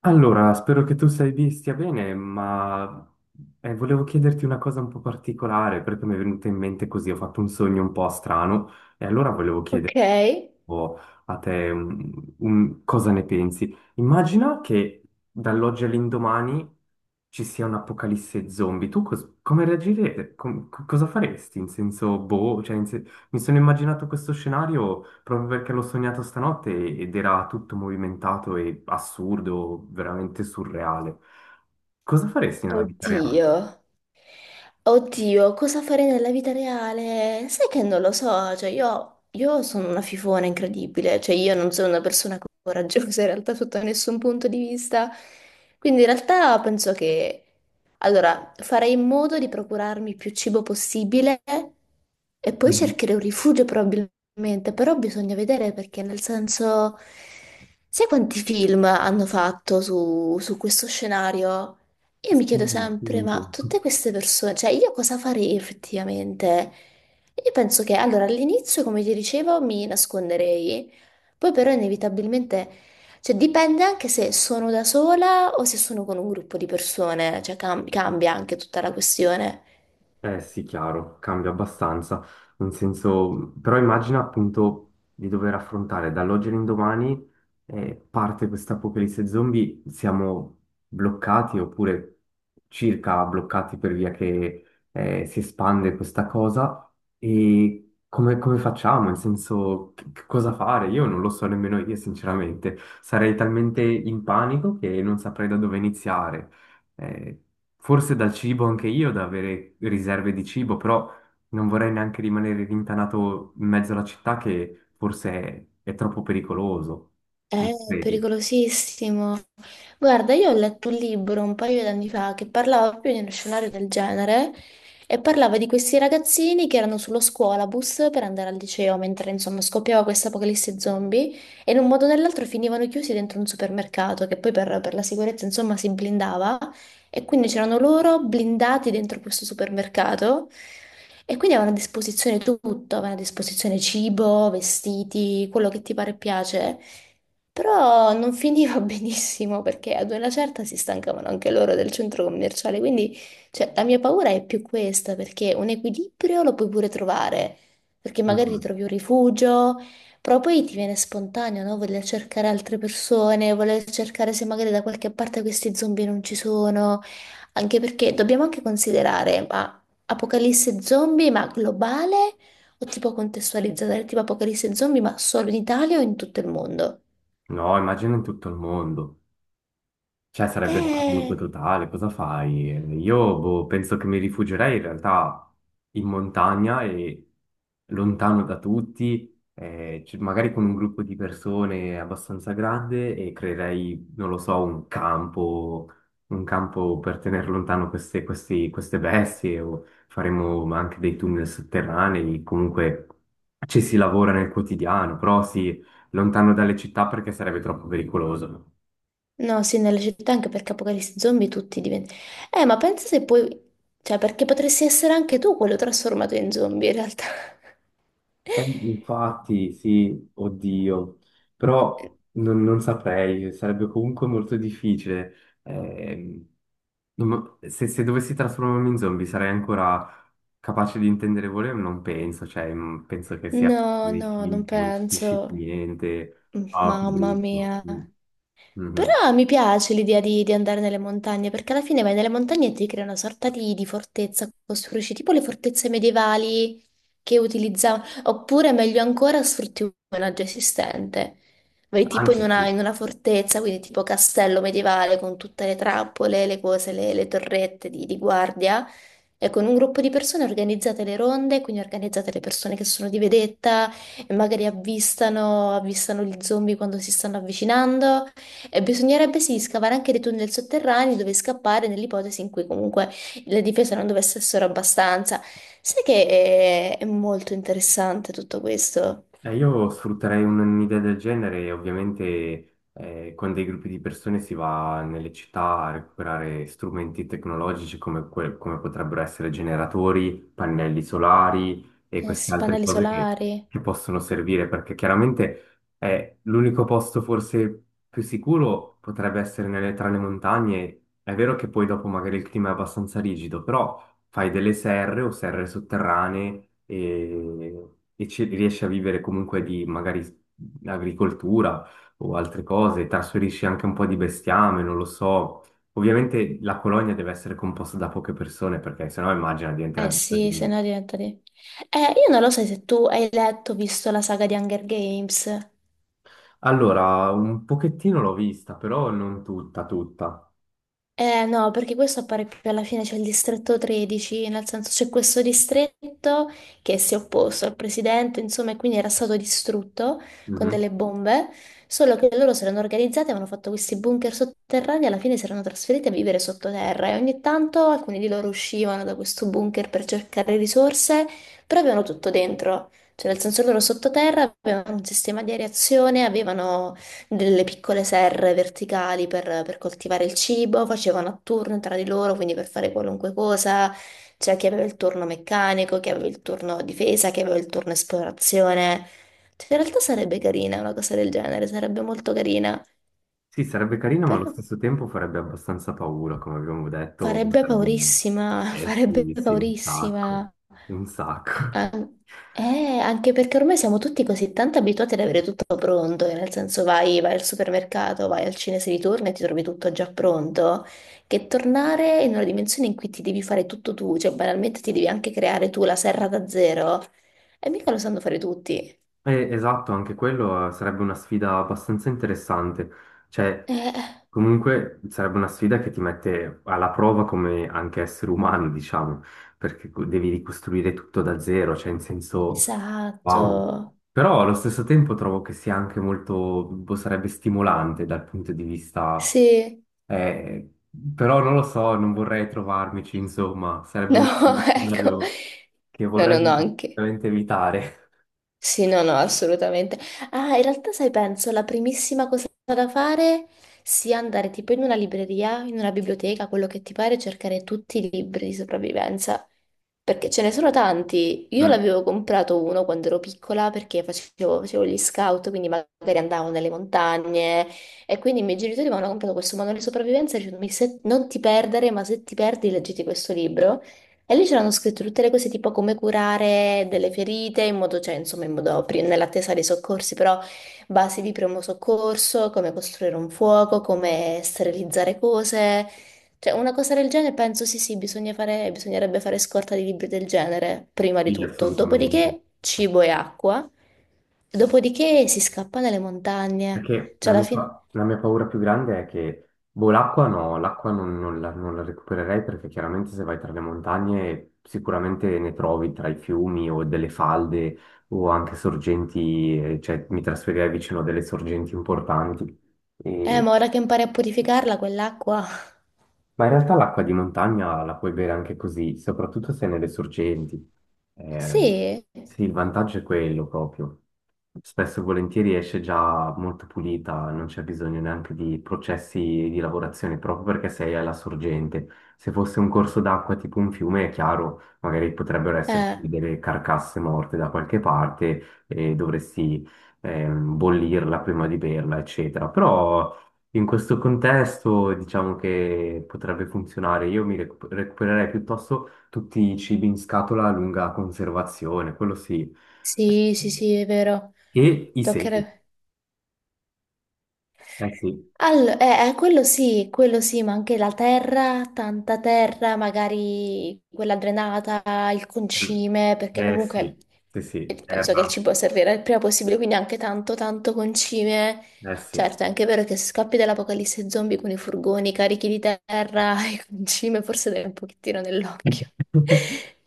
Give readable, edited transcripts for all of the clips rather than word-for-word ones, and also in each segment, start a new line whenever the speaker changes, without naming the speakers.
Allora, spero che tu stia bene, ma volevo chiederti una cosa un po' particolare perché mi è venuta in mente così, ho fatto un sogno un po' strano e allora volevo
Ok,
chiedere un po' a te cosa ne pensi. Immagina che dall'oggi all'indomani ci sia un'apocalisse zombie, tu come reagirete? Cosa faresti? In senso, boh, cioè, mi sono immaginato questo scenario proprio perché l'ho sognato stanotte ed era tutto movimentato e assurdo, veramente surreale. Cosa faresti nella vita reale?
oddio, oddio, cosa farei nella vita reale? Sai che non lo so, cioè io sono una fifona incredibile, cioè io non sono una persona coraggiosa in realtà sotto nessun punto di vista, quindi in realtà penso che, allora, farei in modo di procurarmi il più cibo possibile e poi
Mhm.
cercherei un rifugio probabilmente, però bisogna vedere perché nel senso, sai quanti film hanno fatto su questo scenario? Io mi chiedo
Sì,
sempre, ma
appunto.
tutte queste persone, cioè io cosa farei effettivamente? Io penso che allora all'inizio, come ti dicevo, mi nasconderei, poi però inevitabilmente, cioè dipende anche se sono da sola o se sono con un gruppo di persone, cioè cambia anche tutta la questione.
Eh sì, chiaro, cambia abbastanza, nel senso, però immagina appunto di dover affrontare dall'oggi all'indomani parte questa apocalisse zombie, siamo bloccati oppure circa bloccati per via che si espande questa cosa e come facciamo? Nel senso, che cosa fare? Io non lo so nemmeno io sinceramente, sarei talmente in panico che non saprei da dove iniziare. Eh, Forse dal cibo anche io, da avere riserve di cibo, però non vorrei neanche rimanere rintanato in mezzo alla città che forse è troppo pericoloso,
È
non credi?
pericolosissimo. Guarda, io ho letto un libro un paio d'anni fa che parlava proprio di uno scenario del genere e parlava di questi ragazzini che erano sullo scuolabus per andare al liceo mentre insomma scoppiava questa apocalisse zombie e in un modo o nell'altro finivano chiusi dentro un supermercato che poi per la sicurezza insomma si blindava e quindi c'erano loro blindati dentro questo supermercato e quindi avevano a disposizione tutto, avevano a disposizione cibo, vestiti, quello che ti pare e piace. Però non finiva benissimo perché ad una certa si stancavano anche loro del centro commerciale, quindi cioè, la mia paura è più questa perché un equilibrio lo puoi pure trovare, perché magari ti
Mm.
trovi un rifugio, però poi ti viene spontaneo, no? Voler cercare altre persone, voler cercare se magari da qualche parte questi zombie non ci sono, anche perché dobbiamo anche considerare, ma apocalisse zombie, ma globale o tipo contestualizzata, tipo apocalisse zombie, ma solo in Italia o in tutto il mondo?
No, immagino in tutto il mondo. Cioè, sarebbe da panico
Eh,
totale, cosa fai? Io boh, penso che mi rifugierei in realtà in montagna e lontano da tutti, magari con un gruppo di persone abbastanza grande e creerei, non lo so, un campo per tenere lontano queste bestie o faremo anche dei tunnel sotterranei, comunque ci si lavora nel quotidiano, però sì, lontano dalle città perché sarebbe troppo pericoloso.
no, sì, nelle città anche perché apocalisse zombie tutti diventano... ma pensa se poi... Cioè, perché potresti essere anche tu quello trasformato in zombie, in realtà.
Infatti, sì, oddio, però non saprei, sarebbe comunque molto difficile. Ehm, non mo- se, se dovessi trasformarmi in zombie sarei ancora capace di intendere volere? Ma non penso, cioè, penso che sia
No,
nei
no, non
film che non
penso.
capisci più niente. Ah, che
Mamma
brutto.
mia.
Mm. Mhm.
Però mi piace l'idea di andare nelle montagne, perché alla fine vai nelle montagne e ti crea una sorta di fortezza, costruisci tipo le fortezze medievali che utilizzavano, oppure meglio ancora sfrutti un villaggio esistente. Vai tipo in
Anche
una,
sì.
in una fortezza, quindi tipo castello medievale con tutte le trappole, le cose, le torrette di guardia, e con un gruppo di persone organizzate le ronde, quindi organizzate le persone che sono di vedetta e magari avvistano gli zombie quando si stanno avvicinando. E bisognerebbe sì scavare anche dei tunnel sotterranei dove scappare nell'ipotesi in cui comunque le difese non dovessero essere abbastanza. Sai che è molto interessante tutto questo?
Io sfrutterei un'idea del genere e ovviamente con dei gruppi di persone si va nelle città a recuperare strumenti tecnologici come potrebbero essere generatori, pannelli solari e
Eh
queste
sì,
altre
pannelli
cose che,
solari.
che possono servire perché chiaramente l'unico posto forse più sicuro potrebbe essere tra le montagne. È vero che poi dopo magari il clima è abbastanza rigido, però fai delle serre o serre sotterranee e ci riesci a vivere comunque di magari agricoltura o altre cose, trasferisci anche un po' di bestiame, non lo so. Ovviamente la colonia deve essere composta da poche persone perché sennò immagina
Eh
diventerebbe un
sì, se
casino.
no diventa di... io non lo so se tu hai letto, visto la saga di Hunger Games.
Allora, un pochettino l'ho vista, però non tutta, tutta.
Eh no, perché questo appare più alla fine, c'è il distretto 13, nel senso c'è questo distretto che si è opposto al presidente, insomma, e quindi era stato distrutto con
Mhm.
delle bombe, solo che loro si erano organizzati, avevano fatto questi bunker sotterranei e alla fine si erano trasferiti a vivere sottoterra e ogni tanto alcuni di loro uscivano da questo bunker per cercare risorse, però avevano tutto dentro, cioè nel senso loro sottoterra avevano un sistema di areazione, avevano delle piccole serre verticali per coltivare il cibo, facevano a turno tra di loro, quindi per fare qualunque cosa. C'era chi aveva il turno meccanico, chi aveva il turno difesa, chi aveva il turno esplorazione. Cioè, in realtà sarebbe carina una cosa del genere, sarebbe molto carina,
Sì, sarebbe carino, ma allo
però...
stesso tempo farebbe abbastanza paura, come abbiamo detto,
Farebbe
sarebbe un.
paurissima,
Eh
farebbe
sì, sì, un sacco,
paurissima.
un sacco.
An- eh, anche perché ormai siamo tutti così tanto abituati ad avere tutto pronto, che nel senso vai al supermercato, vai al cinese di turno e ti trovi tutto già pronto, che tornare in una dimensione in cui ti devi fare tutto tu, cioè banalmente ti devi anche creare tu la serra da zero, e mica lo sanno fare tutti.
Esatto, anche quello sarebbe una sfida abbastanza interessante. Cioè,
Eh,
comunque sarebbe una sfida che ti mette alla prova come anche essere umano, diciamo, perché devi ricostruire tutto da zero, cioè in senso, wow.
esatto,
Però allo stesso tempo trovo che sia anche molto, boh, sarebbe stimolante dal punto di vista.
sì,
Eh, Però non lo so, non vorrei trovarmici, insomma, sarebbe
no,
uno
ecco,
scenario che
no, no, no,
vorrei
anche.
assolutamente evitare.
Sì, no, no, assolutamente. Ah, in realtà, sai, penso la primissima cosa da fare sia andare tipo in una libreria, in una biblioteca, quello che ti pare, cercare tutti i libri di sopravvivenza. Perché ce ne sono tanti. Io
Mm,
l'avevo comprato uno quando ero piccola perché facevo gli scout, quindi magari andavo nelle montagne e quindi i miei genitori mi hanno comprato questo manuale di sopravvivenza e dicevano, "Mi se- Non ti perdere, ma se ti perdi, leggiti questo libro. E lì c'erano scritte tutte le cose tipo come curare delle ferite in modo, cioè insomma in modo, nell'attesa dei soccorsi, però basi di primo soccorso, come costruire un fuoco, come sterilizzare cose, cioè una cosa del genere penso sì, bisogna fare, bisognerebbe fare scorta di libri del genere prima di
sì,
tutto,
assolutamente.
dopodiché cibo e acqua, dopodiché si scappa nelle montagne,
Perché
cioè
la
alla
mia,
fine,
pa- la mia paura più grande è che, boh, l'acqua no, l'acqua non la recupererei perché chiaramente se vai tra le montagne sicuramente ne trovi tra i fiumi o delle falde o anche sorgenti, cioè mi trasferirei vicino a delle sorgenti importanti.
ma ora che impari a purificarla quell'acqua,
Ma in realtà l'acqua di montagna la puoi bere anche così, soprattutto se nelle sorgenti. Eh,
sì,
sì, il vantaggio è quello proprio spesso e volentieri esce già molto pulita, non c'è bisogno neanche di processi di lavorazione proprio perché sei alla sorgente. Se fosse un corso d'acqua tipo un fiume, è chiaro, magari potrebbero esserci
eh.
delle carcasse morte da qualche parte e dovresti bollirla prima di berla, eccetera. Però in questo contesto diciamo che potrebbe funzionare. Io mi recupererei piuttosto tutti i cibi in scatola a lunga conservazione, quello sì.
Sì, sì, sì, è vero.
E i segni,
Toccherebbe.
eh sì.
Allora, quello sì, ma anche la terra, tanta terra, magari quella drenata, il
Mm.
concime, perché
Eh
comunque
sì, sì sì,
penso che il
terra,
cibo servirà il prima possibile, quindi anche tanto, tanto concime.
eh sì.
Certo, è anche vero che se scappi dall'apocalisse zombie con i furgoni carichi di terra e concime, forse dai un pochettino nell'occhio.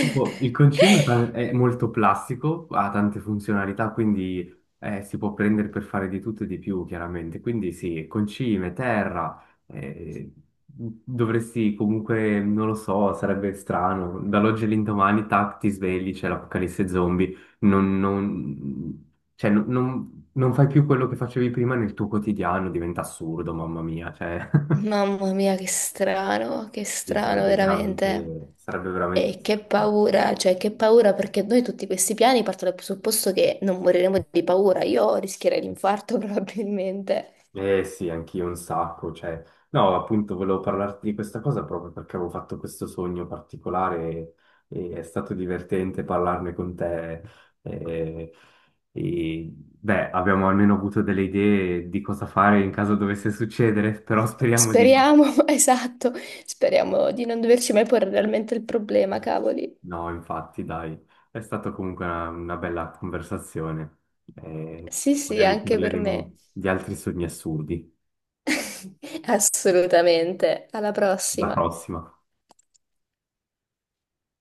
Tipo, il concim è molto plastico, ha tante funzionalità, quindi si può prendere per fare di tutto e di più, chiaramente. Quindi sì, concime, terra, eh, dovresti comunque, non lo so, sarebbe strano. Dall'oggi all'indomani, tac, ti svegli, c'è l'apocalisse zombie, non, non- cioè, non fai più quello che facevi prima nel tuo quotidiano, diventa assurdo, mamma mia, cioè,
Mamma mia, che
sì,
strano
sarebbe
veramente.
veramente, sarebbe veramente
E che
strano.
paura, cioè che paura perché noi tutti questi piani partono dal presupposto che non moriremo di paura. Io rischierei l'infarto probabilmente.
Eh sì, anch'io un sacco, cioè, no, appunto volevo parlarti di questa cosa proprio perché avevo fatto questo sogno particolare e è stato divertente parlarne con te. E, e, beh, abbiamo almeno avuto delle idee di cosa fare in caso dovesse succedere, però speriamo di no.
Speriamo, esatto, speriamo di non doverci mai porre realmente il problema, cavoli.
No, infatti, dai, è stata comunque una bella conversazione. Eh,
Sì, sì,
magari
anche per me.
parleremo di altri sogni assurdi.
Assolutamente. Alla
Alla
prossima.
prossima.